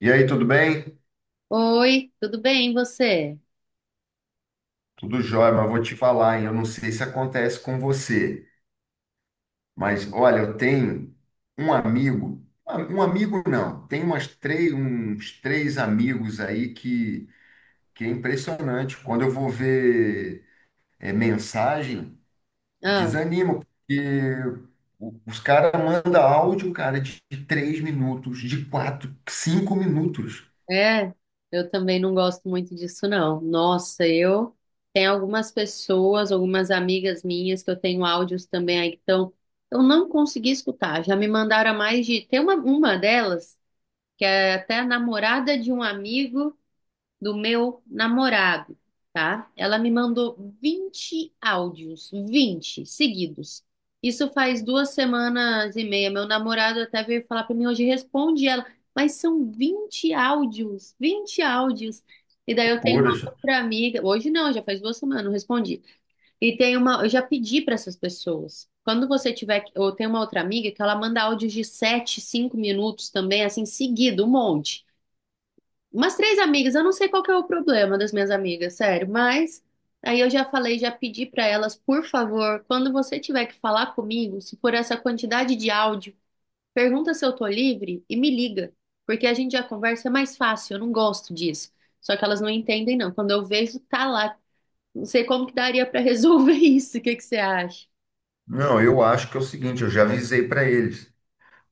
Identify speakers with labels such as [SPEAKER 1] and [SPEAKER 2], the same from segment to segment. [SPEAKER 1] E aí, tudo bem?
[SPEAKER 2] Oi, tudo bem, e você?
[SPEAKER 1] Tudo jóia, mas vou te falar, hein? Eu não sei se acontece com você, mas olha, eu tenho um amigo não, tem umas três, uns três amigos aí que é impressionante. Quando eu vou ver mensagem,
[SPEAKER 2] Ah,
[SPEAKER 1] desanimo, porque os caras mandam áudio, cara, de 3 minutos, de quatro, 5 minutos.
[SPEAKER 2] é, eu também não gosto muito disso, não. Nossa, eu tenho algumas pessoas, algumas amigas minhas que eu tenho áudios também aí que estão. Eu não consegui escutar, já me mandaram a mais de. Tem uma delas, que é até a namorada de um amigo. Do meu namorado, tá? Ela me mandou 20 áudios, 20 seguidos. Isso faz 2 semanas e meia. Meu namorado até veio falar para mim hoje, responde ela, mas são 20 áudios, 20 áudios. E daí eu tenho
[SPEAKER 1] Loucuras.
[SPEAKER 2] uma outra amiga, hoje não, já faz 2 semanas, não respondi. E tem uma, eu já pedi para essas pessoas. Quando você tiver, eu tenho uma outra amiga que ela manda áudios de 7, 5 minutos também, assim, seguido, um monte. Umas três amigas, eu não sei qual que é o problema das minhas amigas, sério, mas aí eu já falei, já pedi pra elas, por favor, quando você tiver que falar comigo, se for essa quantidade de áudio, pergunta se eu tô livre e me liga, porque a gente já conversa é mais fácil, eu não gosto disso. Só que elas não entendem, não. Quando eu vejo, tá lá. Não sei como que daria pra resolver isso, o que que você acha?
[SPEAKER 1] Não, eu acho que é o seguinte, eu já avisei para eles.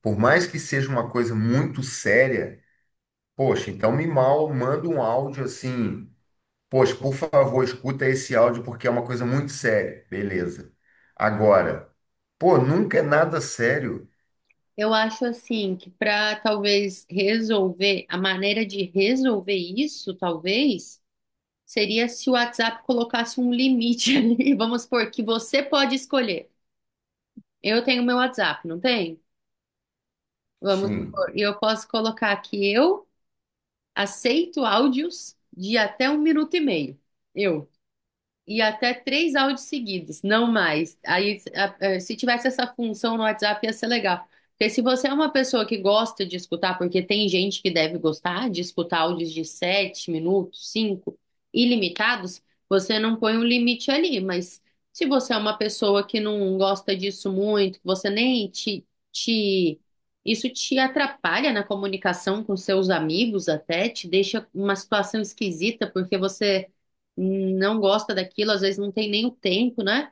[SPEAKER 1] Por mais que seja uma coisa muito séria, poxa, então me mal manda um áudio assim, poxa, por favor, escuta esse áudio porque é uma coisa muito séria. Beleza. Agora, pô, nunca é nada sério.
[SPEAKER 2] Eu acho assim que pra talvez resolver, a maneira de resolver isso, talvez. Seria se o WhatsApp colocasse um limite ali. Vamos supor que você pode escolher. Eu tenho meu WhatsApp, não tem? Vamos
[SPEAKER 1] Sim.
[SPEAKER 2] supor, e eu posso colocar que eu aceito áudios de até 1 minuto e meio. Eu. E até três áudios seguidos, não mais. Aí, se tivesse essa função no WhatsApp, ia ser legal. Porque se você é uma pessoa que gosta de escutar, porque tem gente que deve gostar de escutar áudios de 7 minutos, cinco, ilimitados, você não põe um limite ali. Mas se você é uma pessoa que não gosta disso muito, que você nem te. Isso te atrapalha na comunicação com seus amigos até, te deixa uma situação esquisita, porque você não gosta daquilo, às vezes não tem nem o tempo, né?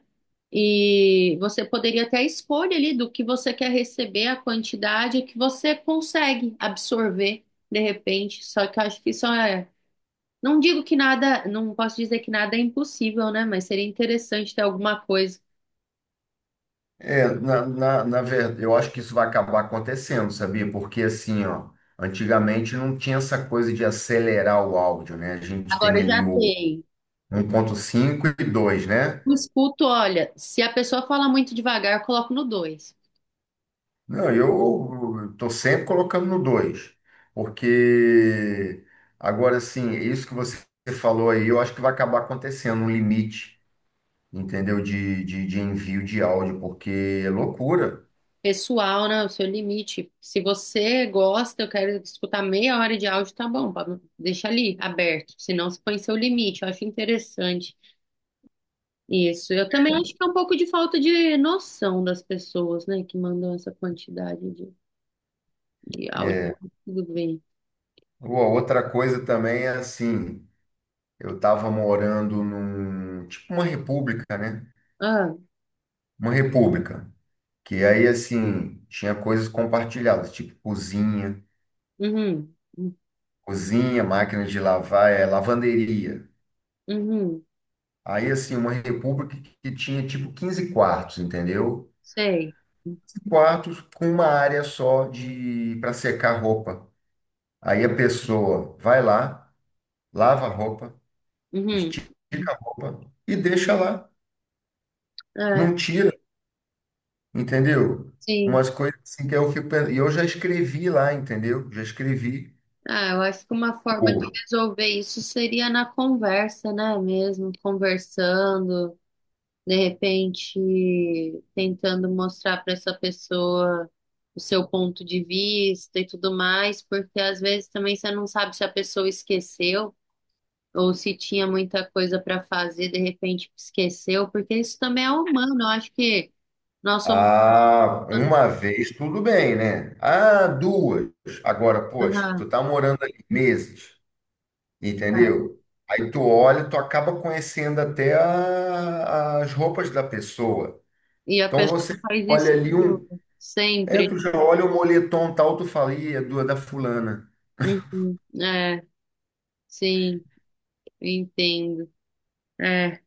[SPEAKER 2] E você poderia ter a escolha ali do que você quer receber, a quantidade que você consegue absorver de repente. Só que eu acho que isso é. Não digo que nada, não posso dizer que nada é impossível, né? Mas seria interessante ter alguma coisa.
[SPEAKER 1] É, na verdade, eu acho que isso vai acabar acontecendo, sabia? Porque assim, ó, antigamente não tinha essa coisa de acelerar o áudio, né? A gente
[SPEAKER 2] Agora
[SPEAKER 1] tem
[SPEAKER 2] eu
[SPEAKER 1] ali
[SPEAKER 2] já
[SPEAKER 1] o
[SPEAKER 2] tem.
[SPEAKER 1] 1.5 e 2, né?
[SPEAKER 2] Eu escuto, olha, se a pessoa fala muito devagar, eu coloco no 2
[SPEAKER 1] Não, eu estou sempre colocando no 2, porque agora sim, isso que você falou aí, eu acho que vai acabar acontecendo um limite, entendeu? De envio de áudio, porque é loucura.
[SPEAKER 2] pessoal, né? O seu limite. Se você gosta, eu quero escutar meia hora de áudio, tá bom, Pablo. Deixa ali aberto, senão você põe seu limite. Eu acho interessante isso. Eu também acho que é um pouco de falta de noção das pessoas, né, que mandam essa quantidade de áudio.
[SPEAKER 1] É.
[SPEAKER 2] Tudo bem.
[SPEAKER 1] Ou a outra coisa também é assim, eu estava morando num, tipo uma república, né?
[SPEAKER 2] Ah,
[SPEAKER 1] Uma república, que aí assim, tinha coisas compartilhadas, tipo cozinha,
[SPEAKER 2] uhum,
[SPEAKER 1] cozinha, máquina de lavar, lavanderia.
[SPEAKER 2] uhum,
[SPEAKER 1] Aí, assim, uma república que tinha tipo 15 quartos, entendeu?
[SPEAKER 2] sei.
[SPEAKER 1] Quartos com uma área só de para secar roupa. Aí a pessoa vai lá, lava a roupa,
[SPEAKER 2] Uhum.
[SPEAKER 1] estica a roupa e deixa lá.
[SPEAKER 2] É,
[SPEAKER 1] Não tira, entendeu?
[SPEAKER 2] sim.
[SPEAKER 1] Umas coisas assim que eu fico pensando. E eu já escrevi lá, entendeu? Já escrevi.
[SPEAKER 2] Ah, eu acho que uma forma de
[SPEAKER 1] Pô,
[SPEAKER 2] resolver isso seria na conversa, né, mesmo, conversando. De repente tentando mostrar para essa pessoa o seu ponto de vista e tudo mais, porque às vezes também você não sabe se a pessoa esqueceu ou se tinha muita coisa para fazer, de repente esqueceu, porque isso também é humano, eu acho que nós somos
[SPEAKER 1] ah,
[SPEAKER 2] humanos.
[SPEAKER 1] uma vez tudo bem, né? Ah, duas. Agora, poxa, tu
[SPEAKER 2] Aham,
[SPEAKER 1] tá morando ali meses.
[SPEAKER 2] tá.
[SPEAKER 1] Entendeu? Aí tu olha, tu acaba conhecendo até as roupas da pessoa.
[SPEAKER 2] E a
[SPEAKER 1] Então
[SPEAKER 2] pessoa
[SPEAKER 1] você
[SPEAKER 2] faz isso
[SPEAKER 1] olha ali um,
[SPEAKER 2] sempre.
[SPEAKER 1] tu já olha o moletom tal, tu fala, "Ih, é da fulana.
[SPEAKER 2] Uhum, é, sim, eu entendo. É.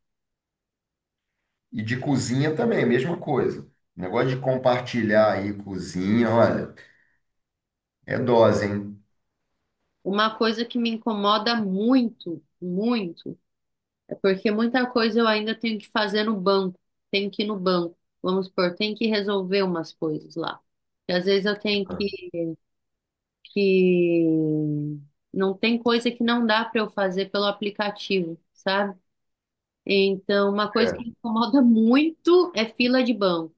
[SPEAKER 1] E de cozinha também, a mesma coisa. Negócio de compartilhar aí cozinha, olha, é dose, hein?
[SPEAKER 2] Uma coisa que me incomoda muito, muito. É. Porque muita coisa eu ainda tenho que fazer no banco, tenho que ir no banco, vamos supor, tenho que resolver umas coisas lá. E às vezes eu tenho que. Não tem coisa que não dá para eu fazer pelo aplicativo, sabe? Então, uma coisa que
[SPEAKER 1] É.
[SPEAKER 2] me incomoda muito é fila de banco.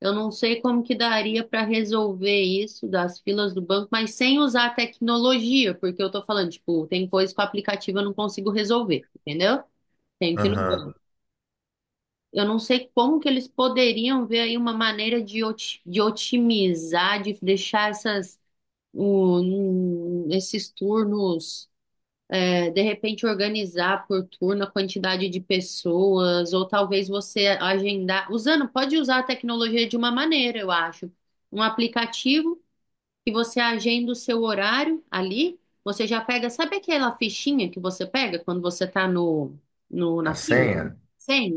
[SPEAKER 2] Eu não sei como que daria para resolver isso das filas do banco, mas sem usar a tecnologia, porque eu tô falando, tipo, tem coisa que o aplicativo eu não consigo resolver, entendeu? Tenho que ir no
[SPEAKER 1] Aham.
[SPEAKER 2] banco. Eu não sei como que eles poderiam ver aí uma maneira de, de otimizar, de deixar essas, esses turnos, é, de repente organizar por turno a quantidade de pessoas, ou talvez você agendar, usando, pode usar a tecnologia de uma maneira, eu acho. Um aplicativo que você agenda o seu horário ali, você já pega, sabe aquela fichinha que você pega quando você está no, no,
[SPEAKER 1] A
[SPEAKER 2] na fila?
[SPEAKER 1] senha?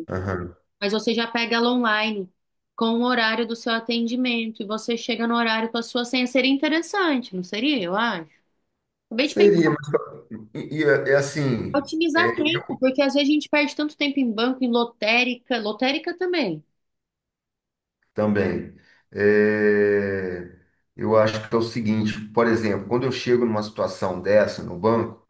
[SPEAKER 1] Aham.
[SPEAKER 2] Mas você já pega ela online com o horário do seu atendimento e você chega no horário com a sua senha. Seria interessante, não seria? Eu acho. Acabei de pensar,
[SPEAKER 1] Seria, mas e, é assim,
[SPEAKER 2] otimizar tempo, porque às vezes a gente perde tanto tempo em banco, em lotérica, lotérica também.
[SPEAKER 1] Também. É, eu acho que é o seguinte, por exemplo, quando eu chego numa situação dessa no banco,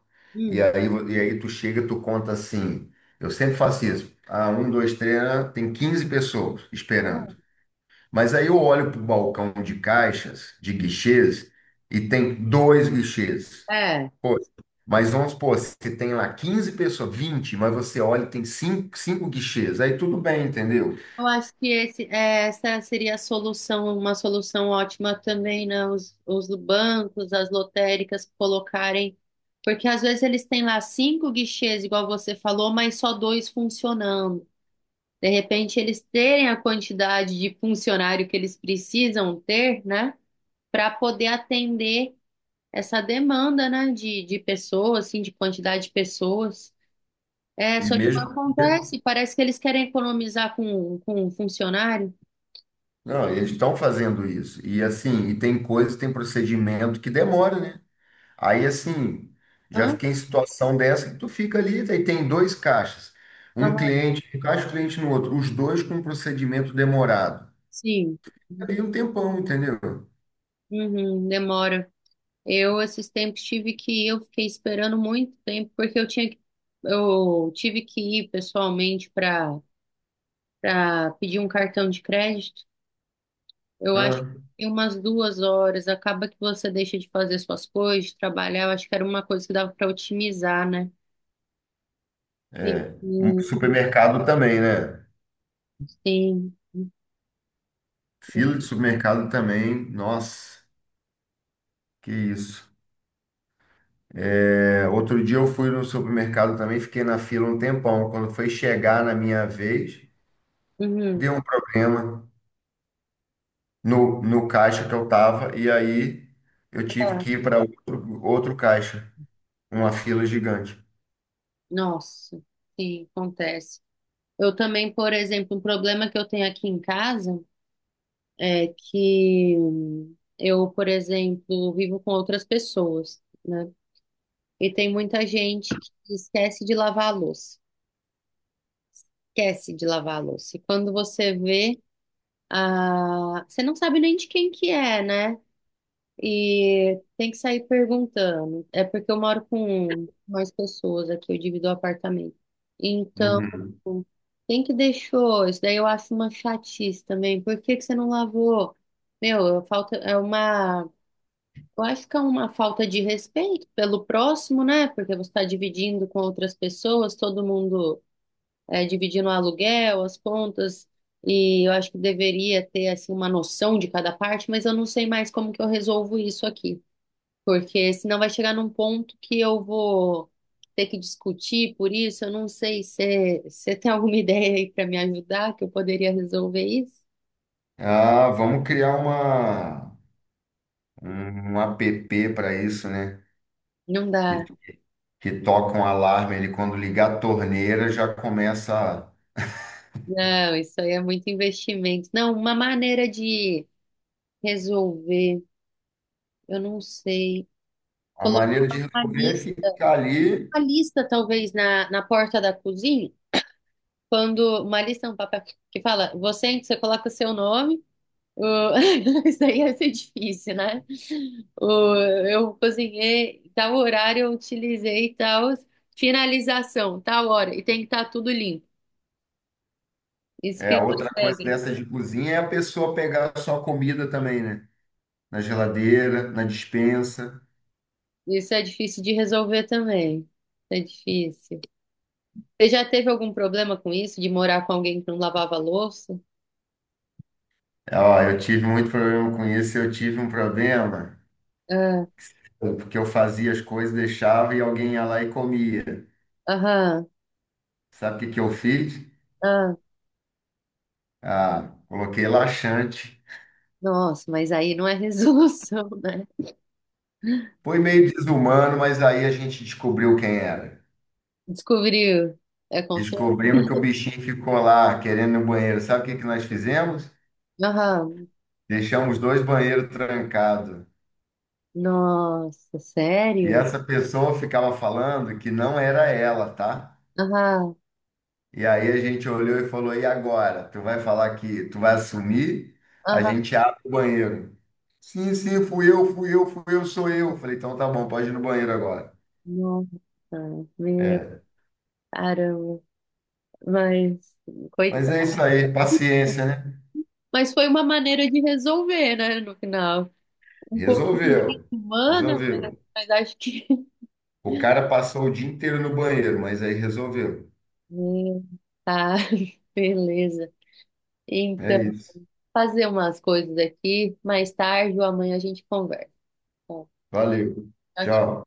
[SPEAKER 1] e
[SPEAKER 2] Hum,
[SPEAKER 1] aí, vo- e aí tu chega, tu conta assim, eu sempre faço isso, ah, um, dois, três, ah, tem 15 pessoas esperando.
[SPEAKER 2] tá
[SPEAKER 1] Mas aí eu olho para o balcão de caixas, de guichês, e tem dois guichês.
[SPEAKER 2] é.
[SPEAKER 1] Pô, mas vamos supor, se tem lá 15 pessoas, 20 mas você olha e tem cinco guichês, aí tudo bem, entendeu?
[SPEAKER 2] Eu acho que esse, é, essa seria a solução, uma solução ótima também, né? Os bancos, as lotéricas colocarem. Porque às vezes eles têm lá cinco guichês, igual você falou, mas só dois funcionando. De repente, eles terem a quantidade de funcionário que eles precisam ter, né, para poder atender essa demanda, né, de pessoas, assim, de quantidade de pessoas. É,
[SPEAKER 1] E
[SPEAKER 2] só que
[SPEAKER 1] mesmo.
[SPEAKER 2] não acontece, parece que eles querem economizar com um funcionário.
[SPEAKER 1] Não, eles estão fazendo isso. E assim, e tem coisas, tem procedimento que demora, né? Aí assim, já
[SPEAKER 2] Hã?
[SPEAKER 1] fiquei em situação dessa que tu fica ali, aí tem dois caixas. Um
[SPEAKER 2] Aham,
[SPEAKER 1] cliente, um caixa, um cliente no outro. Os dois com um procedimento demorado.
[SPEAKER 2] sim,
[SPEAKER 1] Ali um tempão, entendeu?
[SPEAKER 2] uhum, demora. Eu, esses tempos, tive que ir, eu fiquei esperando muito tempo, porque eu tinha que, eu tive que ir pessoalmente para pedir um cartão de crédito. Eu acho
[SPEAKER 1] Ah,
[SPEAKER 2] que em umas 2 horas. Acaba que você deixa de fazer suas coisas, de trabalhar. Eu acho que era uma coisa que dava para otimizar, né?
[SPEAKER 1] é. Um
[SPEAKER 2] Sim,
[SPEAKER 1] supermercado também, né?
[SPEAKER 2] sim.
[SPEAKER 1] Fila de supermercado também. Nossa, que isso. É, outro dia eu fui no supermercado também, fiquei na fila um tempão. Quando foi chegar na minha vez,
[SPEAKER 2] Uhum.
[SPEAKER 1] deu um problema no caixa que eu tava, e aí eu tive
[SPEAKER 2] Tá.
[SPEAKER 1] que ir para outro, caixa, uma fila gigante.
[SPEAKER 2] Nossa, sim, acontece. Eu também, por exemplo, um problema que eu tenho aqui em casa é que eu, por exemplo, vivo com outras pessoas, né? E tem muita gente que esquece de lavar a louça. Esquece de lavar a louça. E quando você vê, ah, você não sabe nem de quem que é, né? E tem que sair perguntando. É porque eu moro com mais pessoas aqui, eu divido o apartamento. Então,
[SPEAKER 1] Uhum.
[SPEAKER 2] quem que deixou? Isso daí eu acho uma chatice também. Por que que você não lavou? Meu, falta é uma, eu acho que é uma falta de respeito pelo próximo, né? Porque você está dividindo com outras pessoas, todo mundo dividindo o aluguel, as contas, e eu acho que deveria ter assim uma noção de cada parte, mas eu não sei mais como que eu resolvo isso aqui, porque senão vai chegar num ponto que eu vou ter que discutir por isso, eu não sei se você tem alguma ideia aí para me ajudar que eu poderia resolver isso.
[SPEAKER 1] Ah, vamos criar uma, um app para isso, né?
[SPEAKER 2] Não dá.
[SPEAKER 1] Que, que toca um alarme ali quando ligar a torneira, já começa.
[SPEAKER 2] Não, isso aí é muito investimento. Não, uma maneira de resolver, eu não sei.
[SPEAKER 1] A
[SPEAKER 2] Colocar
[SPEAKER 1] maneira de
[SPEAKER 2] uma
[SPEAKER 1] resolver é
[SPEAKER 2] lista,
[SPEAKER 1] ficar ali.
[SPEAKER 2] uma lista talvez na, na porta da cozinha. Quando uma lista é um papel que fala, você, em que você coloca o seu nome, o- isso aí ia ser difícil, né? Eu cozinhei, tal horário eu utilizei tal finalização, tal hora, e tem que estar tudo limpo,
[SPEAKER 1] É,
[SPEAKER 2] escrito nas
[SPEAKER 1] outra coisa
[SPEAKER 2] regras.
[SPEAKER 1] dessa de cozinha é a pessoa pegar só comida também, né? Na geladeira, na despensa.
[SPEAKER 2] Isso é difícil de resolver também. É difícil. Você já teve algum problema com isso, de morar com alguém que não lavava louça?
[SPEAKER 1] Ó, eu tive muito problema com isso, eu tive um problema.
[SPEAKER 2] Ah,
[SPEAKER 1] Porque eu fazia as coisas, deixava e alguém ia lá e comia.
[SPEAKER 2] aham,
[SPEAKER 1] Sabe o que que eu fiz?
[SPEAKER 2] ah,
[SPEAKER 1] Ah, coloquei laxante.
[SPEAKER 2] nossa, mas aí não é resolução, né?
[SPEAKER 1] Foi meio desumano, mas aí a gente descobriu quem era.
[SPEAKER 2] Descobriu. É com.
[SPEAKER 1] Descobrimos que o bichinho ficou lá querendo ir no banheiro. Sabe o que que nós fizemos?
[SPEAKER 2] Aham.
[SPEAKER 1] Deixamos dois banheiros trancados.
[SPEAKER 2] Nossa,
[SPEAKER 1] E
[SPEAKER 2] sério?
[SPEAKER 1] essa pessoa ficava falando que não era ela, tá?
[SPEAKER 2] Aham.
[SPEAKER 1] E aí a gente olhou e falou: e agora? Tu vai falar que tu vai assumir? A
[SPEAKER 2] Aham.
[SPEAKER 1] gente abre o banheiro. Sim, sim, fui eu, fui eu, fui eu, sou eu. Falei: então tá bom, pode ir no banheiro agora.
[SPEAKER 2] Nossa, meu
[SPEAKER 1] É.
[SPEAKER 2] caramba. Mas,
[SPEAKER 1] Mas é isso
[SPEAKER 2] coitado.
[SPEAKER 1] aí, paciência, né?
[SPEAKER 2] Mas foi uma maneira de resolver, né, no final. Um pouco
[SPEAKER 1] Resolveu,
[SPEAKER 2] desumana,
[SPEAKER 1] resolveu.
[SPEAKER 2] mas acho que.
[SPEAKER 1] O cara passou o dia inteiro no banheiro, mas aí resolveu.
[SPEAKER 2] Meu, tá, beleza.
[SPEAKER 1] É
[SPEAKER 2] Então,
[SPEAKER 1] isso.
[SPEAKER 2] fazer umas coisas aqui. Mais tarde ou amanhã a gente conversa. Tá?
[SPEAKER 1] Valeu.
[SPEAKER 2] Tchau,
[SPEAKER 1] Tchau.